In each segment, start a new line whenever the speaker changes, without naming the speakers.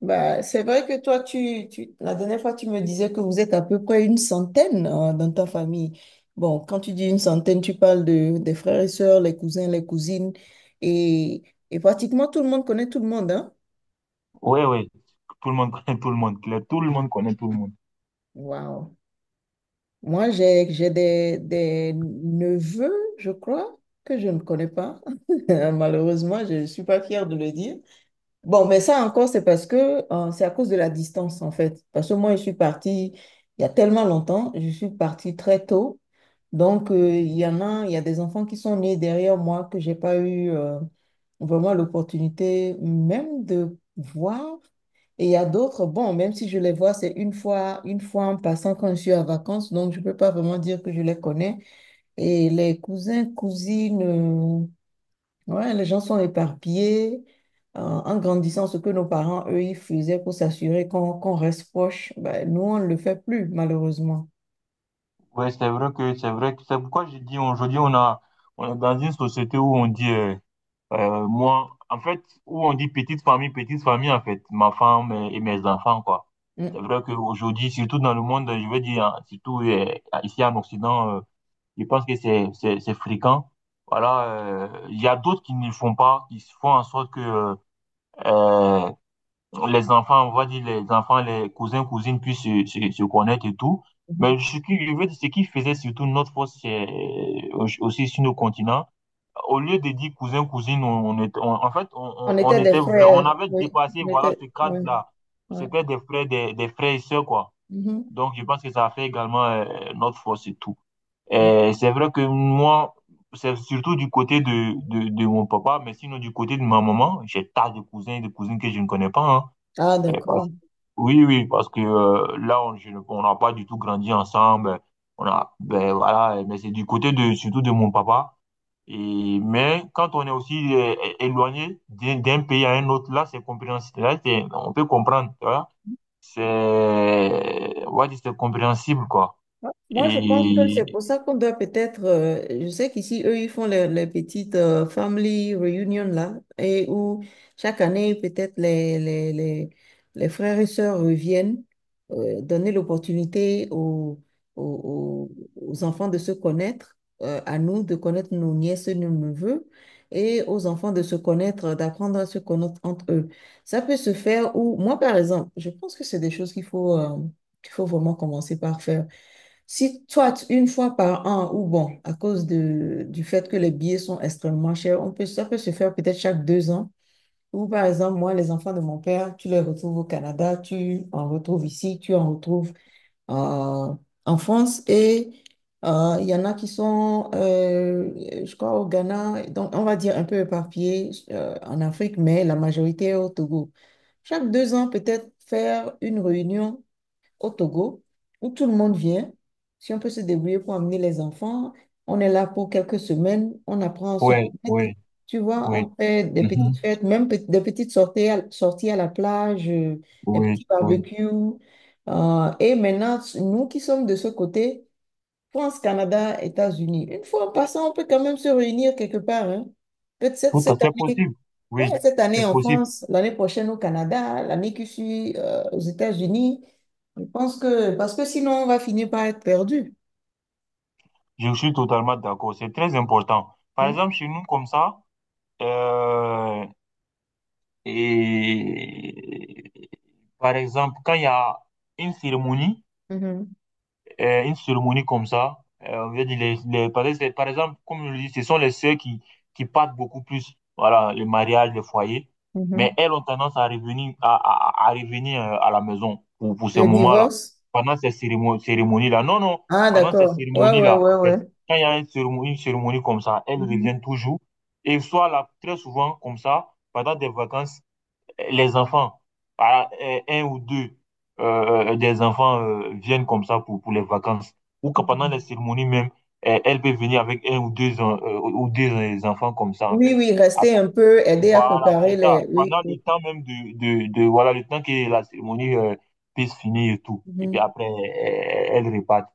Bah, c'est vrai que toi, la dernière fois, tu me disais que vous êtes à peu près une centaine dans ta famille. Bon, quand tu dis une centaine, tu parles des frères et sœurs, les cousins, les cousines, et, et pratiquement tout le monde connaît tout le monde, hein?
Ouais, ouais, tout le monde connaît tout le monde, Claire. Tout le monde connaît tout le monde.
Waouh! Moi, j'ai des neveux, je crois, que je ne connais pas. Malheureusement, je ne suis pas fière de le dire. Bon, mais ça encore, c'est parce que c'est à cause de la distance, en fait. Parce que moi, je suis partie il y a tellement longtemps, je suis partie très tôt. Donc, il y a des enfants qui sont nés derrière moi que j'ai pas eu vraiment l'opportunité même de voir. Et il y a d'autres, bon, même si je les vois, c'est une fois en passant quand je suis en vacances, donc je peux pas vraiment dire que je les connais. Et les cousins, cousines, ouais, les gens sont éparpillés en grandissant ce que nos parents, eux, ils faisaient pour s'assurer qu'on reste proche. Ben, nous, on ne le fait plus, malheureusement.
Ouais, c'est vrai que c'est pourquoi je dis aujourd'hui on est dans une société où on dit moi en fait où on dit petite famille en fait, ma femme et mes enfants quoi. C'est
Mm.
vrai qu'aujourd'hui, surtout dans le monde, je veux dire hein, surtout ici en Occident, je pense que c'est c'est fréquent. Voilà, il y a d'autres qui ne le font pas, qui font en sorte que euh, les enfants, on va dire les enfants, les cousins, cousines puissent se connaître et tout. Mais
Mhm.
ce qui, je veux dire, ce qui faisait surtout notre force c'est, aussi sur nos continents, au lieu de dire cousin, cousine, en fait,
On
on
était des
était, on
frères.
avait
Oui,
dépassé, voilà, ce
ouais,
cadre-là.
ouais.
C'était des frères, des frères et sœurs, quoi.
Mhm.
Donc, je pense que ça a fait également notre force et tout.
Mm.
Et c'est vrai que moi, c'est surtout du côté de mon papa, mais sinon du côté de ma maman, j'ai tas de cousins et de cousines que je ne connais pas, hein.
Ah,
Euh,
d'accord.
oui, oui, parce que là, on je ne- on n'a pas du tout grandi ensemble. On a, ben voilà, mais c'est du côté de surtout de mon papa. Et mais quand on est aussi éloigné d'un pays à un autre, là, c'est compréhensible. Là, on peut comprendre, tu vois. C'est, on va dire, c'est compréhensible, quoi.
Moi, je pense que c'est
Et
pour ça qu'on doit peut-être, je sais qu'ici, eux, ils font les petites family reunion là, et où chaque année, peut-être les frères et sœurs reviennent, donner l'opportunité aux, aux enfants de se connaître, à nous de connaître nos nièces et nos neveux, et aux enfants de se connaître, d'apprendre à se connaître entre eux. Ça peut se faire où, moi, par exemple, je pense que c'est des choses qu'il faut vraiment commencer par faire. Si toi, une fois par an, ou bon, à cause du fait que les billets sont extrêmement chers, ça peut se faire peut-être chaque deux ans. Ou par exemple, moi, les enfants de mon père, tu les retrouves au Canada, tu en retrouves ici, tu en retrouves euh, en France. Et il y en a qui sont, je crois, au Ghana, donc on va dire un peu éparpillés en Afrique, mais la majorité est au Togo. Chaque deux ans, peut-être faire une réunion au Togo où tout le monde vient. Si on peut se débrouiller pour amener les enfants, on est là pour quelques semaines, on apprend à se
ouais,
connaître.
oui,
Tu vois,
oui.
on fait des petites
Mhm.
fêtes, des petites sorties sorties à la plage, des
Oui,
petits
oui.
barbecues. Et maintenant, nous qui sommes de ce côté, France, Canada, États-Unis, une fois en passant, on peut quand même se réunir quelque part, hein. Peut-être
Tout à
cette
fait
année,
possible. Oui,
ouais, cette année
c'est
en
possible.
France, l'année prochaine au Canada, l'année qui suit aux États-Unis. Je pense que, parce que sinon, on va finir par être perdu.
Je suis totalement d'accord. C'est très important. Par
Mm.
exemple, chez nous, comme ça. Euh, et Par exemple, quand il y a une cérémonie,
Mhm.
une cérémonie comme ça. On veut dire par exemple, comme je le dis, ce sont les sœurs qui partent beaucoup plus, voilà, les mariages, les foyers.
Mhm.
Mais elles ont tendance à revenir, à revenir à la maison pour ces
Le
moments-là.
divorce?
Pendant ces cérémonies, cérémonies-là. Non, non,
Ah,
pendant ces
d'accord. Ouais, ouais,
cérémonies-là,
ouais,
en fait,
ouais.
quand il y a une cérémonie comme ça, elles
Mhm.
reviennent toujours. Et soit là, très souvent, comme ça, pendant des vacances, les enfants, un ou deux des enfants viennent comme ça pour les vacances. Ou que pendant les
Mhm.
cérémonies même, eh, elle peut venir avec un ou deux, enfants comme ça, en
Oui,
fait.
oui, rester
Après,
un peu, aider à
voilà, c'est
préparer
ça.
les… Oui,
Pendant le
oui.
temps même voilà, le temps que la cérémonie puisse finir et tout. Et puis
Mhm,
après, eh, elle repart.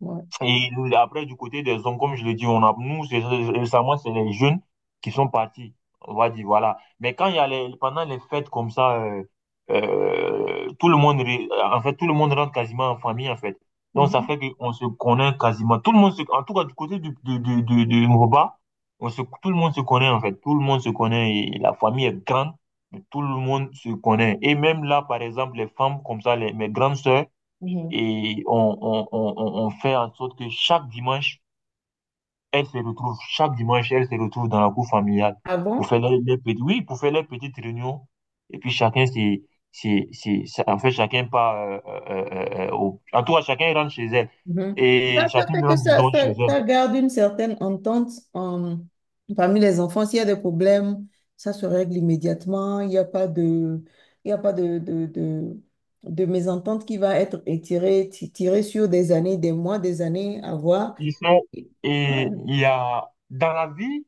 ouais.
Et après, du côté des hommes, comme je le dis, nous, récemment, c'est les jeunes qui sont partis. On va dire, voilà. Mais quand il y a les, pendant les fêtes comme ça, tout le monde, en fait, tout le monde rentre quasiment en famille, en fait. Donc, ça
Mhm.
fait qu'on se connaît quasiment. Tout le monde se, en tout cas, du côté du Yoruba, on se, tout le monde se connaît, en fait. Tout le monde se connaît et la famille est grande. Mais tout le monde se connaît. Et même là, par exemple, les femmes comme ça, les, mes grandes sœurs,
Mhm.
et on fait en sorte que chaque dimanche, elles se retrouvent, chaque dimanche, elles se retrouvent dans la cour familiale
Ah
pour
bon?
faire les, petites, oui, pour faire les petites réunions. Et puis chacun, en fait, chacun part, en tout cas, chacun rentre chez elle.
Mhm.
Et
Ça fait
chacune
que
rentre, disons, chez elle.
ça garde une certaine entente euh, parmi les enfants. S'il y a des problèmes, ça se règle immédiatement. Il y a pas de mésentente qui va être étirée, tirée sur des années, des mois, des années à voir.
Ils sont,
Et-
et
ouais.
il y a, dans la vie,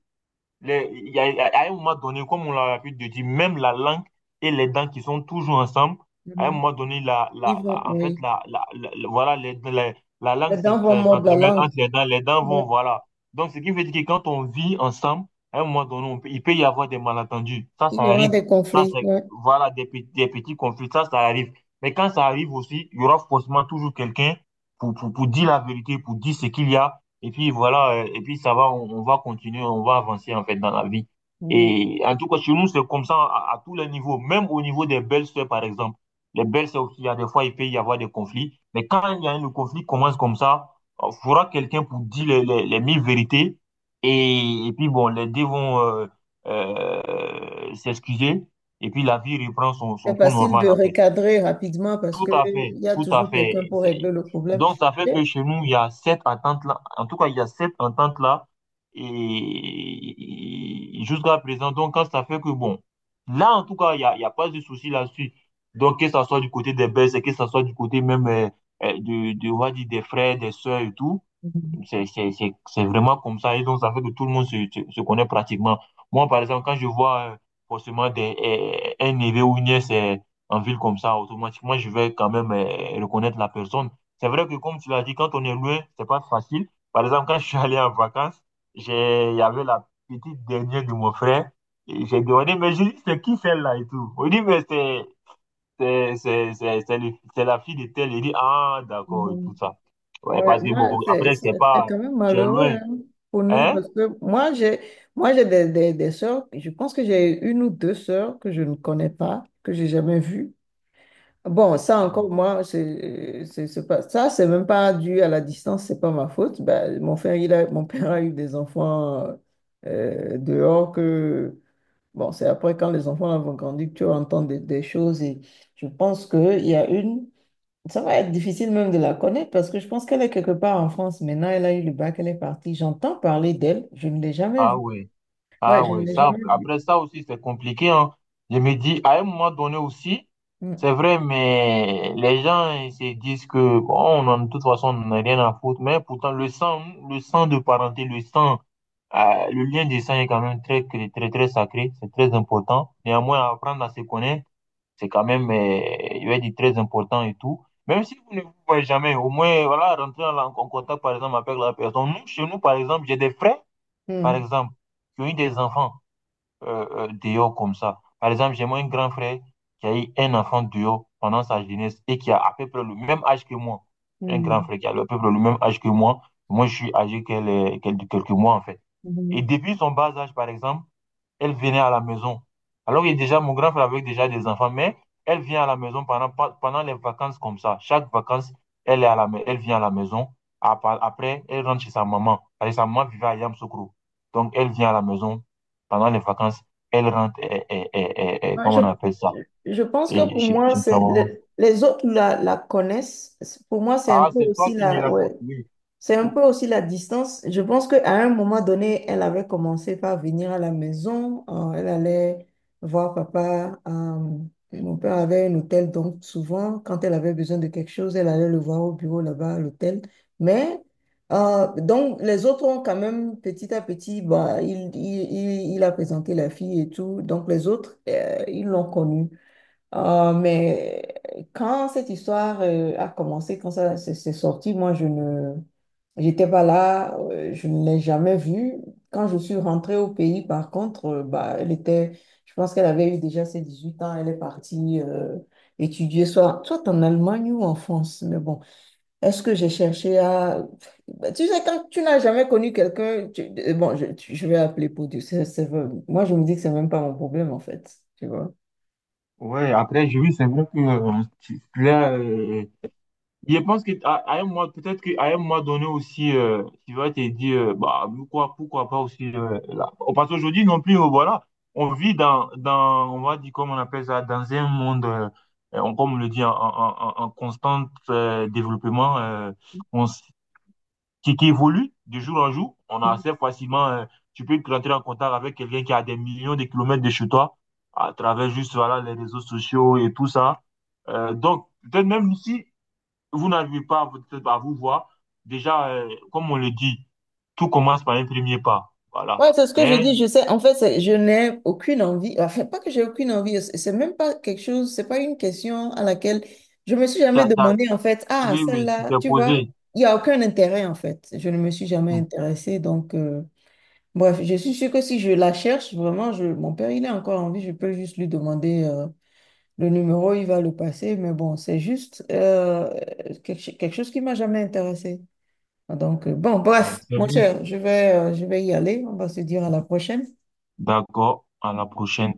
Il y a, à un moment donné, comme on l'a pu dire, même la langue et les dents qui sont toujours ensemble, à un
Mhm.
moment donné,
Ils vont,
en fait,
oui.
voilà, la langue
Les dents vont mordre la
s'entremêle
langue.
entre les dents
Ouais.
vont, voilà. Donc, ce qui veut dire que quand on vit ensemble, à un moment donné, il peut y avoir des malentendus. Ça,
Il
ça
y aura
arrive.
des
Ça,
conflits,
c'est,
ouais.
voilà, des petits conflits. Ça arrive. Mais quand ça arrive aussi, il y aura forcément toujours quelqu'un pour dire la vérité, pour dire ce qu'il y a et puis voilà, et puis ça va, on va continuer, on va avancer en fait dans la vie. Et en tout cas, chez nous, c'est comme ça à tous les niveaux, même au niveau des belles-sœurs, par exemple. Les belles-sœurs aussi, il y a des fois, il peut y avoir des conflits. Mais quand il y a un conflit qui commence comme ça, il faudra quelqu'un pour dire les mille vérités. Et puis bon, les deux vont s'excuser. Et puis la vie reprend son,
C'est
son cours
facile
normal,
de
en fait.
recadrer rapidement parce
Tout
que
à
il
fait,
y a
tout à
toujours quelqu'un
fait.
pour régler le problème.
Donc, ça fait
Et
que chez nous, il y a cette entente-là. En tout cas, il y a cette entente-là. Et jusqu'à présent, donc, quand ça fait que, bon, là, en tout cas, il y a pas de souci là-dessus. Donc, que ça soit du côté des Belges, que ça soit du côté même on va dire, des frères, des sœurs et tout.
mhm.
C'est vraiment comme ça. Et donc, ça fait que tout le monde se connaît pratiquement. Moi, par exemple, quand je vois forcément un neveu ou une nièce en ville comme ça, automatiquement, je vais quand même reconnaître la personne. C'est vrai que, comme tu l'as dit, quand on est loin, c'est pas facile. Par exemple, quand je suis allé en vacances, il y avait la petite dernière de mon frère. Et j'ai demandé, mais je dis, c'est qui celle-là et tout? On dit, mais c'est la fille de tel. Il dit, ah, d'accord, et
Mhm.
tout ça. Ouais,
Ouais,
parce que
moi,
bon, après, c'est
c'est
pas,
quand même
tu es
malheureux
loin.
hein, pour nous
Hein?
parce que moi j'ai des sœurs, je pense que j'ai une ou deux sœurs que je ne connais pas, que j'ai jamais vues. Bon, ça
Ah
encore,
bon.
moi, c'est même pas dû à la distance, c'est pas ma faute. Ben, mon père a eu des enfants dehors que, bon, c'est après quand les enfants vont grandir que tu entends des choses et je pense qu'il y a une, ça va être difficile même de la connaître parce que je pense qu'elle est quelque part en France. Maintenant, elle a eu le bac, elle est partie. J'entends parler d'elle, je ne l'ai jamais
Ah
vue.
ouais,
Ouais,
ah
je ne
ouais.
l'ai
Ça,
jamais vue.
après ça aussi, c'est compliqué, hein. Je me dis, à un moment donné aussi,
Mm,
c'est vrai, mais les gens, ils se disent que, bon, de toute façon, on n'a rien à foutre. Mais pourtant, le sang de parenté, le sang, le lien du sang est quand même très, très, très sacré. C'est très important. Néanmoins, apprendre à se connaître c'est quand même, je vais dire, très important et tout. Même si vous ne vous voyez jamais, au moins, voilà, rentrer en contact, par exemple, avec la personne. Nous, chez nous, par exemple, j'ai des frères, par
mm,
exemple, qui ont eu des enfants dehors comme ça. Par exemple, j'ai moi un grand frère qui a eu un enfant dehors pendant sa jeunesse et qui a à peu près le même âge que moi. Un grand
mm,
frère qui a à peu près le même âge que moi. Moi, je suis âgé de quelques mois, en fait. Et
mm.
depuis son bas âge, par exemple, elle venait à la maison. Alors que déjà, mon grand frère avait déjà des enfants, mais elle vient à la maison pendant, pendant les vacances comme ça. Chaque vacances, elle vient à la maison. Après, elle rentre chez sa maman. Parce sa maman vivait à Yamoussoukro. Donc, elle vient à la maison pendant les vacances. Elle rentre,
Ouais,
comment on appelle ça?
Je pense que
Et,
pour moi,
chez sa maman.
les autres la connaissent. Pour moi, c'est un
Ah,
peu
c'est toi
aussi
qui me
la,
l'as
ouais,
construit.
c'est un
Ou-
peu aussi la distance. Je pense qu'à un moment donné, elle avait commencé par venir à la maison. Elle allait voir papa. Mon père avait un hôtel, donc souvent, quand elle avait besoin de quelque chose, elle allait le voir au bureau là-bas à l'hôtel. Mais, donc, les autres ont quand même, petit à petit, bah, il a présenté la fille et tout. Donc, les autres, ils l'ont connue. Mais quand cette histoire a commencé, quand ça s'est s'est sorti, moi, je ne, j'étais pas là, je ne l'ai jamais vue. Quand je suis rentrée au pays, par contre, bah, je pense qu'elle avait eu déjà ses 18 ans, elle est partie étudier, soit en Allemagne ou en France. Mais bon, est-ce que j'ai cherché à… Bah, tu sais, quand tu n'as jamais connu quelqu'un, je vais appeler pour Dieu. Moi, je me dis que c'est même pas mon problème, en fait. Tu vois.
Ouais, après, je oui, c'est vrai que tu l'as, je pense que à un moment, peut-être qu'à un moment donné aussi, tu vas te dire, bah, pourquoi, pourquoi pas aussi là. Parce qu'aujourd'hui non plus, voilà, on vit dans, on va dire, comme on appelle ça, dans un monde, comme on le dit, en constant développement, on s- qui évolue de jour en jour. On a assez facilement, tu peux rentrer en contact avec quelqu'un qui a des millions de kilomètres de chez toi, à travers juste, voilà, les réseaux sociaux et tout ça. Donc, peut-être même ici vous n'arrivez pas peut-être à vous voir. Déjà, comme on le dit, tout commence par un premier pas. Voilà.
Ouais, c'est ce que je
Mais
dis. Je sais, en fait, je n'ai aucune envie. Enfin, pas que j'ai aucune envie. C'est même pas quelque chose, c'est pas une question à laquelle je me suis jamais
t'as- t'as-
demandé, en fait, ah,
oui, oui, tu
celle-là,
t'es
tu vois,
posé.
il n'y a aucun intérêt, en fait. Je ne me suis jamais
Hmm.
intéressée. Donc, bref, je suis sûre que si je la cherche, vraiment, mon père, il est encore en vie. Je peux juste lui demander le numéro, il va le passer. Mais bon, c'est juste quelque chose qui m'a jamais intéressée. Donc, bon,
Ouais,
bref,
c'est
mon
bon.
cher, je vais y aller. On va se dire à la prochaine.
D'accord. À la prochaine.